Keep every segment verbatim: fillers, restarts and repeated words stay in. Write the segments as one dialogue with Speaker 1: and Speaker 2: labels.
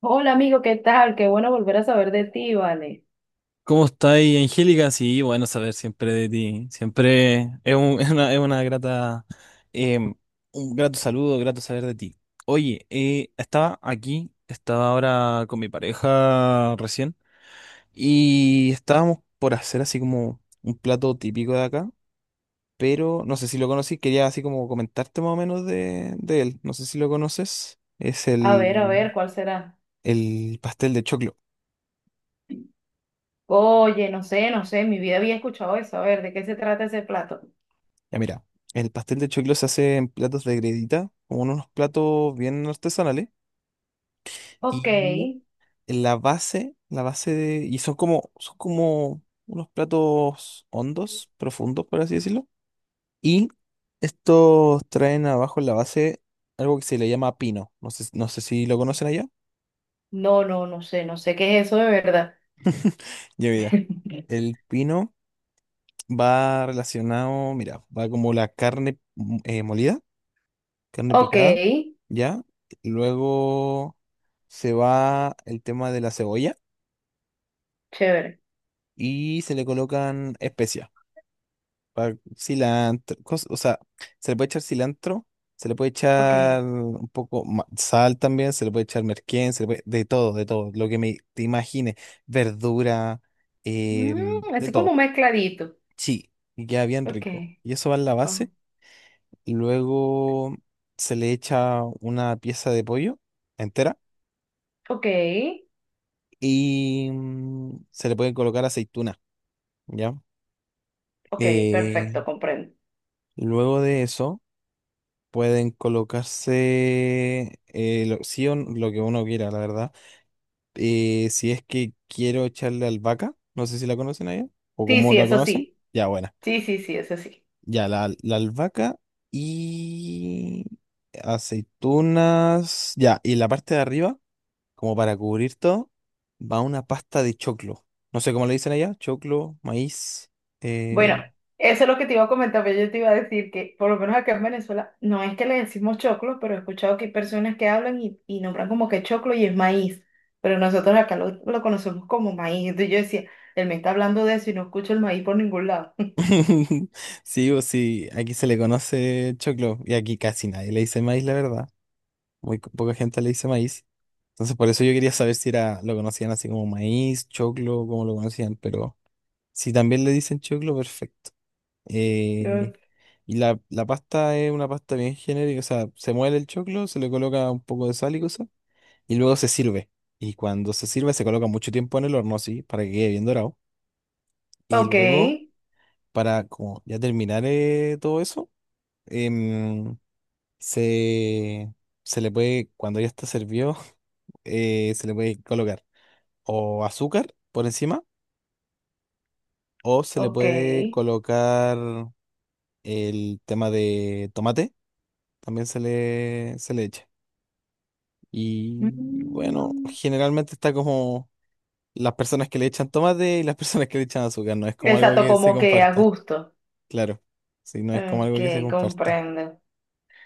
Speaker 1: Hola amigo, ¿qué tal? Qué bueno volver a saber de ti, vale.
Speaker 2: ¿Cómo estáis, Angélica? Sí, bueno, saber siempre de ti. Siempre es, un- es una, es una grata, em, un grato saludo, grato saber de ti. Oye, eh, estaba aquí, estaba ahora con mi pareja recién y estábamos por hacer así como un plato típico de acá, pero no sé si lo conocí, quería así como comentarte más o menos de, de él. No sé si lo conoces. Es
Speaker 1: A ver, a
Speaker 2: el,
Speaker 1: ver, ¿cuál será?
Speaker 2: el pastel de choclo.
Speaker 1: Oye, no sé, no sé, en mi vida había escuchado eso. A ver, ¿de qué se trata ese plato?
Speaker 2: Ya mira, el pastel de choclo se hace en platos de gredita, como en unos platos bien artesanales.
Speaker 1: Ok.
Speaker 2: Y la base, la base de... Y son como, son como unos platos hondos, profundos, por así decirlo. Y estos traen abajo en la base algo que se le llama pino. No sé, no sé si lo conocen allá.
Speaker 1: No, no, no sé, no sé qué es eso de verdad.
Speaker 2: Ya mira, el pino va relacionado, mira, va como la carne mm, eh, molida. Carne
Speaker 1: Ok,
Speaker 2: picada, ¿ya? Luego se va el tema de la cebolla
Speaker 1: chévere.
Speaker 2: y se le colocan especias, pa- cilantro, cos- o sea, se le puede echar cilantro, se le puede
Speaker 1: Ok.
Speaker 2: echar un poco ma- sal también, se le puede echar merquén, se le puede- de todo, de todo, lo que me, te imagines, verdura, em,
Speaker 1: Mm,
Speaker 2: de
Speaker 1: es como
Speaker 2: todo,
Speaker 1: mezcladito.
Speaker 2: sí, y queda bien
Speaker 1: Ok.
Speaker 2: rico. Y eso va en la base,
Speaker 1: con-
Speaker 2: y luego se le echa una pieza de pollo entera
Speaker 1: Ok.
Speaker 2: y mm, se le pueden colocar aceituna, ¿ya?
Speaker 1: Ok,
Speaker 2: Eh,
Speaker 1: perfecto, comprendo.
Speaker 2: luego de eso pueden colocarse eh, lo, sí o n- lo que uno quiera, la verdad. Eh, si es que quiero echarle albahaca, no sé si la conocen allá o
Speaker 1: Sí,
Speaker 2: cómo
Speaker 1: sí,
Speaker 2: la
Speaker 1: eso
Speaker 2: conocen,
Speaker 1: sí.
Speaker 2: ya buena.
Speaker 1: Sí, sí, sí, eso sí.
Speaker 2: Ya la, la albahaca y aceitunas, ya, y la parte de arriba, como para cubrir todo, va una pasta de choclo. No sé cómo le dicen allá, choclo, maíz.
Speaker 1: Bueno,
Speaker 2: Eh,
Speaker 1: eso es lo que te iba a comentar, pero yo te iba a decir que por lo menos acá en Venezuela no es que le decimos choclo, pero he escuchado que hay personas que hablan y, y nombran como que choclo y es maíz, pero nosotros acá lo, lo conocemos como maíz. Entonces yo decía, él me está hablando de eso y no escucho el maíz por ningún lado.
Speaker 2: Sí o sí, aquí se le conoce choclo y aquí casi nadie le dice maíz, la verdad. Muy co- poca gente le dice maíz. Entonces por eso yo quería saber si era lo conocían así como maíz, choclo, cómo lo conocían, pero si también le dicen choclo, perfecto.
Speaker 1: Yo,
Speaker 2: Eh, y la, la pasta es una pasta bien genérica, o sea, se muele el choclo, se le coloca un poco de sal y cosas, y luego se sirve. Y cuando se sirve se coloca mucho tiempo en el horno, sí, para que quede bien dorado. Y
Speaker 1: Ok,
Speaker 2: luego, para como ya terminar eh, todo eso, em, se, se le puede, cuando ya está servido, eh, se le puede colocar o azúcar por encima o se le
Speaker 1: ok.
Speaker 2: puede colocar el tema de tomate, también se le, se le echa. Y bueno,
Speaker 1: Mm,
Speaker 2: generalmente está como... Las personas que le echan tomate y las personas que le echan azúcar, no es como algo
Speaker 1: exacto,
Speaker 2: que se
Speaker 1: como que a
Speaker 2: comparta,
Speaker 1: gusto.
Speaker 2: claro. Sí, no es como algo que se
Speaker 1: Ok,
Speaker 2: comparta,
Speaker 1: comprendo.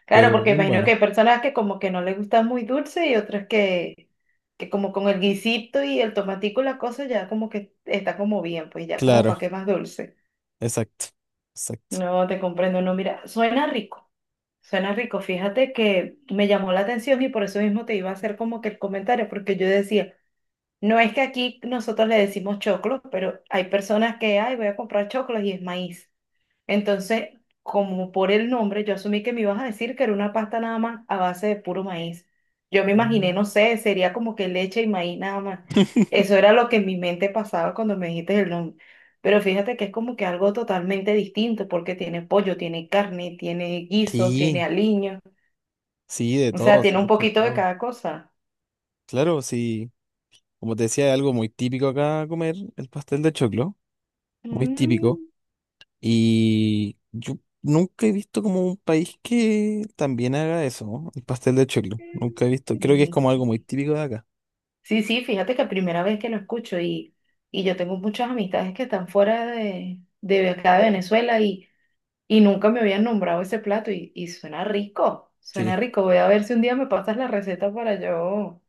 Speaker 1: Claro,
Speaker 2: pero
Speaker 1: porque
Speaker 2: bien
Speaker 1: imagino que
Speaker 2: bueno.
Speaker 1: hay personas que como que no les gusta muy dulce y otras que, que como con el guisito y el tomatico y la cosa ya como que está como bien, pues ya como
Speaker 2: Claro,
Speaker 1: para qué más dulce.
Speaker 2: exacto, exacto.
Speaker 1: No te comprendo, no, mira, suena rico, suena rico. Fíjate que me llamó la atención y por eso mismo te iba a hacer como que el comentario, porque yo decía, no es que aquí nosotros le decimos choclo, pero hay personas que, ay, voy a comprar choclos y es maíz. Entonces, como por el nombre, yo asumí que me ibas a decir que era una pasta nada más a base de puro maíz. Yo me imaginé,
Speaker 2: Mm.
Speaker 1: no sé, sería como que leche y maíz nada más. Eso era lo que en mi mente pasaba cuando me dijiste el nombre. Pero fíjate que es como que algo totalmente distinto porque tiene pollo, tiene carne, tiene guisos, tiene
Speaker 2: Sí,
Speaker 1: aliño.
Speaker 2: sí, de
Speaker 1: O sea,
Speaker 2: todo,
Speaker 1: tiene
Speaker 2: sí,
Speaker 1: un
Speaker 2: de hecho, de
Speaker 1: poquito de
Speaker 2: todo.
Speaker 1: cada cosa.
Speaker 2: Claro, sí, como te decía, es algo muy típico acá comer el pastel de choclo, muy típico.
Speaker 1: Mm.
Speaker 2: Y yo nunca he visto como un país que también haga eso, ¿no? El pastel de choclo. Nunca he visto, creo que es como algo muy típico de acá.
Speaker 1: Sí, sí, fíjate que primera vez que lo escucho y, y yo tengo muchas amistades que están fuera de, de acá de Venezuela y, y nunca me habían nombrado ese plato y, y suena rico, suena
Speaker 2: Sí.
Speaker 1: rico. Voy a ver si un día me pasas la receta para yo,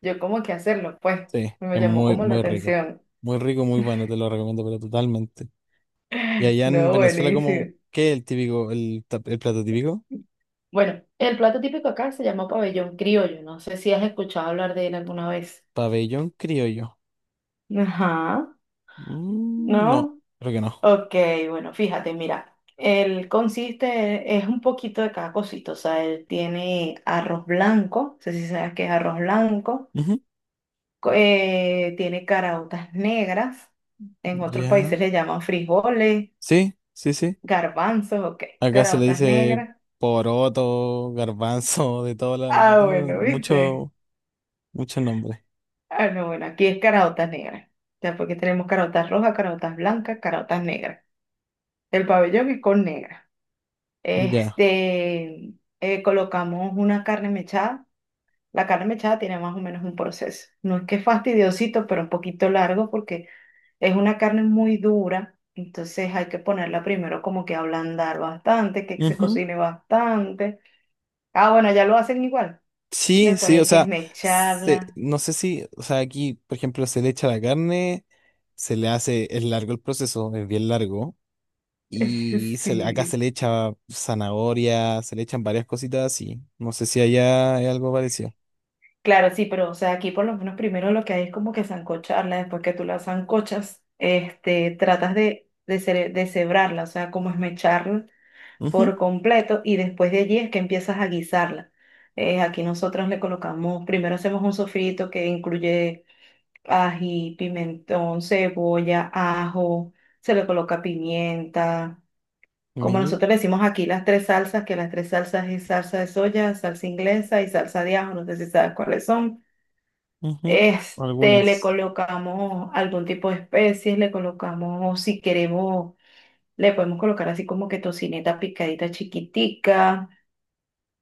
Speaker 1: yo como que hacerlo, pues
Speaker 2: Sí,
Speaker 1: me
Speaker 2: es
Speaker 1: llamó
Speaker 2: muy,
Speaker 1: como la
Speaker 2: muy rico.
Speaker 1: atención.
Speaker 2: Muy rico, muy bueno, te lo recomiendo, pero totalmente. Y allá en
Speaker 1: No,
Speaker 2: Venezuela,
Speaker 1: buenísimo.
Speaker 2: ¿cómo qué es el típico, el, tap- el plato típico?
Speaker 1: Bueno, el plato típico acá se llama pabellón criollo, no sé si has escuchado hablar de él alguna vez.
Speaker 2: Pabellón criollo.
Speaker 1: Ajá,
Speaker 2: Mm, no,
Speaker 1: ¿no?
Speaker 2: creo que no.
Speaker 1: Ok, bueno, fíjate, mira, él consiste, es un poquito de cada cosito, o sea, él tiene arroz blanco, no sé si sabes qué es arroz blanco,
Speaker 2: Ujú.
Speaker 1: co- eh, tiene caraotas negras, en otros
Speaker 2: Ya.
Speaker 1: países le llaman frijoles,
Speaker 2: Sí, sí, sí.
Speaker 1: garbanzos, ok,
Speaker 2: Acá se le
Speaker 1: caraotas
Speaker 2: dice
Speaker 1: negras.
Speaker 2: poroto, garbanzo, de todo, la, de
Speaker 1: Ah,
Speaker 2: todo,
Speaker 1: bueno, ¿viste?
Speaker 2: mucho, muchos nombres.
Speaker 1: Ah, no, bueno, aquí es caraotas negras, o sea, porque tenemos caraotas rojas, caraotas blancas, caraotas negras. El pabellón es con negra.
Speaker 2: Ya.
Speaker 1: Este, eh, colocamos una carne mechada. La carne mechada tiene más o menos un proceso. No es que es fastidiosito, pero un poquito largo porque es una carne muy dura. Entonces hay que ponerla primero como que ablandar bastante, que se cocine bastante. Ah, bueno, ya lo hacen igual.
Speaker 2: Sí,
Speaker 1: Después
Speaker 2: sí, o
Speaker 1: hay que
Speaker 2: sea, se-
Speaker 1: esmecharla.
Speaker 2: no sé si, o sea, aquí, por ejemplo, se le echa la carne, se le hace, es largo el proceso, es bien largo, y se le- acá se
Speaker 1: Sí.
Speaker 2: le echa zanahoria, se le echan varias cositas así. No sé si allá hay algo parecido.
Speaker 1: Claro, sí, pero o sea, aquí por lo menos primero lo que hay es como que sancocharla. Después que tú la sancochas, este, tratas de, de, cere- de cebrarla, o sea, como esmecharla
Speaker 2: Ujú,
Speaker 1: por completo y después de allí es que empiezas a guisarla. Eh, aquí nosotros le colocamos, primero hacemos un sofrito que incluye ají, pimentón, cebolla, ajo, se le coloca pimienta. Como
Speaker 2: mi-
Speaker 1: nosotros le decimos aquí las tres salsas, que las tres salsas es salsa de soya, salsa inglesa y salsa de ajo, no sé si sabes cuáles son.
Speaker 2: ujú,
Speaker 1: Este, le
Speaker 2: algunas.
Speaker 1: colocamos algún tipo de especies, le colocamos, si queremos, le podemos colocar así como que tocineta picadita chiquitica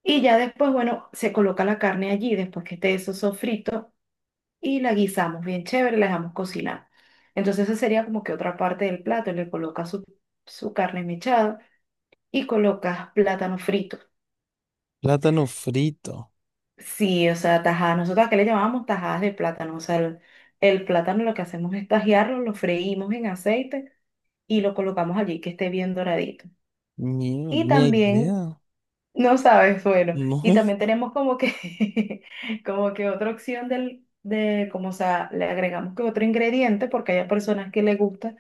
Speaker 1: y ya después, bueno, se coloca la carne allí después que esté eso sofrito y la guisamos bien chévere, la dejamos cocinar. Entonces, esa sería como que otra parte del plato, le colocas su, su carne mechada y colocas plátano frito.
Speaker 2: Plátano frito.
Speaker 1: Sí, o sea, tajadas, nosotros que le llamábamos tajadas de plátano, o sea, el, el plátano lo que hacemos es tajearlo, lo freímos en aceite y lo colocamos allí que esté bien doradito.
Speaker 2: Mierda,
Speaker 1: Y
Speaker 2: ni
Speaker 1: también
Speaker 2: idea.
Speaker 1: no sabes, bueno. Y
Speaker 2: No.
Speaker 1: también tenemos como que, como que otra opción del, de, como o sea, le agregamos que otro ingrediente, porque hay personas que le gusta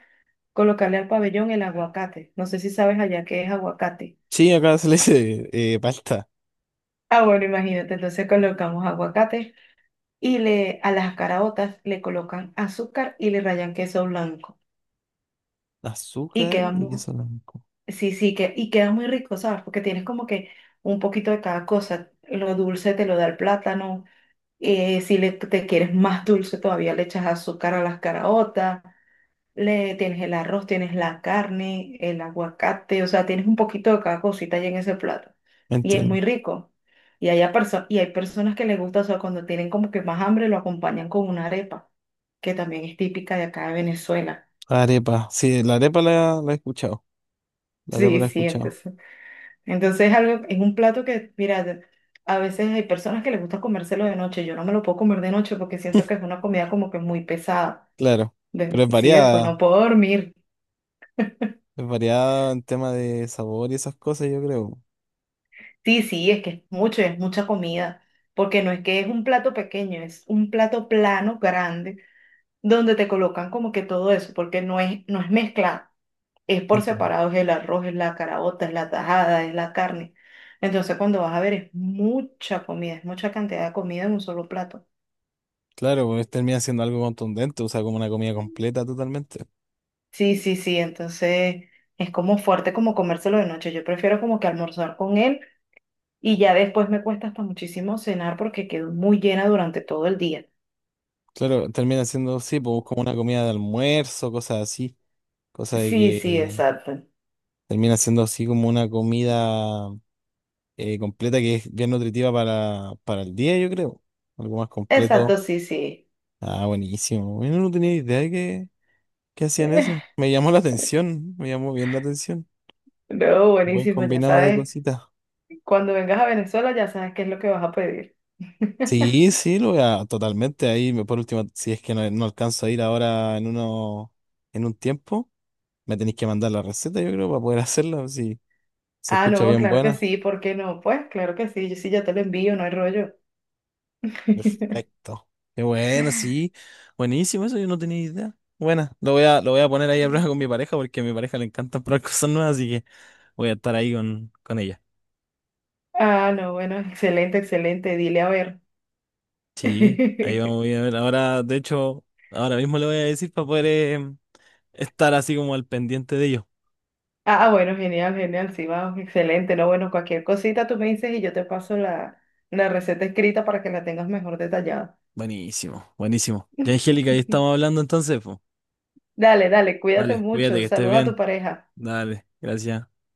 Speaker 1: colocarle al pabellón el aguacate. No sé si sabes allá qué es aguacate.
Speaker 2: Sí, acá se le dice eh, palta,
Speaker 1: Ah, bueno, imagínate, entonces colocamos aguacate y le, a las caraotas le colocan azúcar y le rayan queso blanco. Y
Speaker 2: azúcar
Speaker 1: queda
Speaker 2: y
Speaker 1: muy,
Speaker 2: queso blanco.
Speaker 1: sí, sí, que, y queda muy rico, ¿sabes? Porque tienes como que un poquito de cada cosa. Lo dulce te lo da el plátano. Eh, si le, te quieres más dulce, todavía le echas azúcar a las caraotas, le tienes el arroz, tienes la carne, el aguacate, o sea, tienes un poquito de cada cosita ahí en ese plato. Y es
Speaker 2: Entiendo.
Speaker 1: muy rico. Y, hay perso y hay personas que les gusta, o sea, cuando tienen como que más hambre, lo acompañan con una arepa, que también es típica de acá de Venezuela.
Speaker 2: Arepa, sí, la arepa la, la he escuchado. La te
Speaker 1: Sí,
Speaker 2: he
Speaker 1: sí,
Speaker 2: escuchado.
Speaker 1: entonces, entonces es algo, es un plato que, mira, de- a veces hay personas que les gusta comérselo de noche, yo no me lo puedo comer de noche porque siento que es una comida como que muy pesada.
Speaker 2: Claro. Pero
Speaker 1: De-
Speaker 2: es
Speaker 1: sí, después
Speaker 2: variada.
Speaker 1: no puedo dormir.
Speaker 2: Es variada en tema de sabor y esas cosas, yo creo.
Speaker 1: Sí, sí, es que es mucho, es mucha comida, porque no es que es un plato pequeño, es un plato plano, grande, donde te colocan como que todo eso, porque no es, no es mezclado, es por
Speaker 2: Entiendo.
Speaker 1: separado, es el arroz, es la caraota, es la tajada, es la carne. Entonces cuando vas a ver es mucha comida, es mucha cantidad de comida en un solo plato.
Speaker 2: Claro, pues termina siendo algo contundente, o sea, como una comida completa totalmente.
Speaker 1: Sí, sí, sí, entonces es como fuerte como comérselo de noche. Yo prefiero como que almorzar con él y ya después me cuesta hasta muchísimo cenar porque quedo muy llena durante todo el día.
Speaker 2: Claro, termina siendo, sí, pues como una comida de almuerzo, cosas así. Cosa de
Speaker 1: Sí, sí,
Speaker 2: que
Speaker 1: exacto.
Speaker 2: termina siendo así como una comida eh, completa que es bien nutritiva para, para el día, yo creo. Algo más
Speaker 1: Exacto,
Speaker 2: completo.
Speaker 1: sí, sí.
Speaker 2: Ah, buenísimo. Bueno, no tenía idea de que, que hacían eso. Me llamó la atención, me llamó bien la atención.
Speaker 1: No,
Speaker 2: Buen
Speaker 1: buenísimo, ya
Speaker 2: combinado de
Speaker 1: sabes.
Speaker 2: cositas.
Speaker 1: Cuando vengas a Venezuela ya sabes qué es lo que vas a pedir.
Speaker 2: Sí, sí, lo voy a totalmente ahí. me- Por último, si es que no, no alcanzo a ir ahora en uno, en un tiempo, me tenéis que mandar la receta, yo creo, para poder hacerla, si se
Speaker 1: Ah,
Speaker 2: escucha
Speaker 1: no,
Speaker 2: bien
Speaker 1: claro que
Speaker 2: buena.
Speaker 1: sí, ¿por qué no? Pues claro que sí, yo sí ya te lo envío, no hay rollo.
Speaker 2: Perfecto. Qué bueno, sí. Buenísimo, eso yo no tenía idea. Buena lo voy a, lo voy a poner ahí a prueba con mi pareja, porque a mi pareja le encanta probar cosas nuevas, así que voy a estar ahí con, con ella.
Speaker 1: Ah, no, bueno, excelente, excelente, dile a ver.
Speaker 2: Sí, ahí vamos voy a ver. Ahora, de hecho, ahora mismo le voy a decir para poder eh, estar así como al pendiente de ello.
Speaker 1: Ah, bueno, genial, genial, sí, vamos, excelente, no, bueno, cualquier cosita tú me dices y yo te paso la, la receta escrita para que la tengas mejor detallada.
Speaker 2: Buenísimo, buenísimo. Ya, Angélica, ahí estamos hablando entonces, pues.
Speaker 1: Dale, dale, cuídate
Speaker 2: Dale, cuídate
Speaker 1: mucho.
Speaker 2: que estés
Speaker 1: Saludos a tu
Speaker 2: bien.
Speaker 1: pareja.
Speaker 2: Dale, gracias.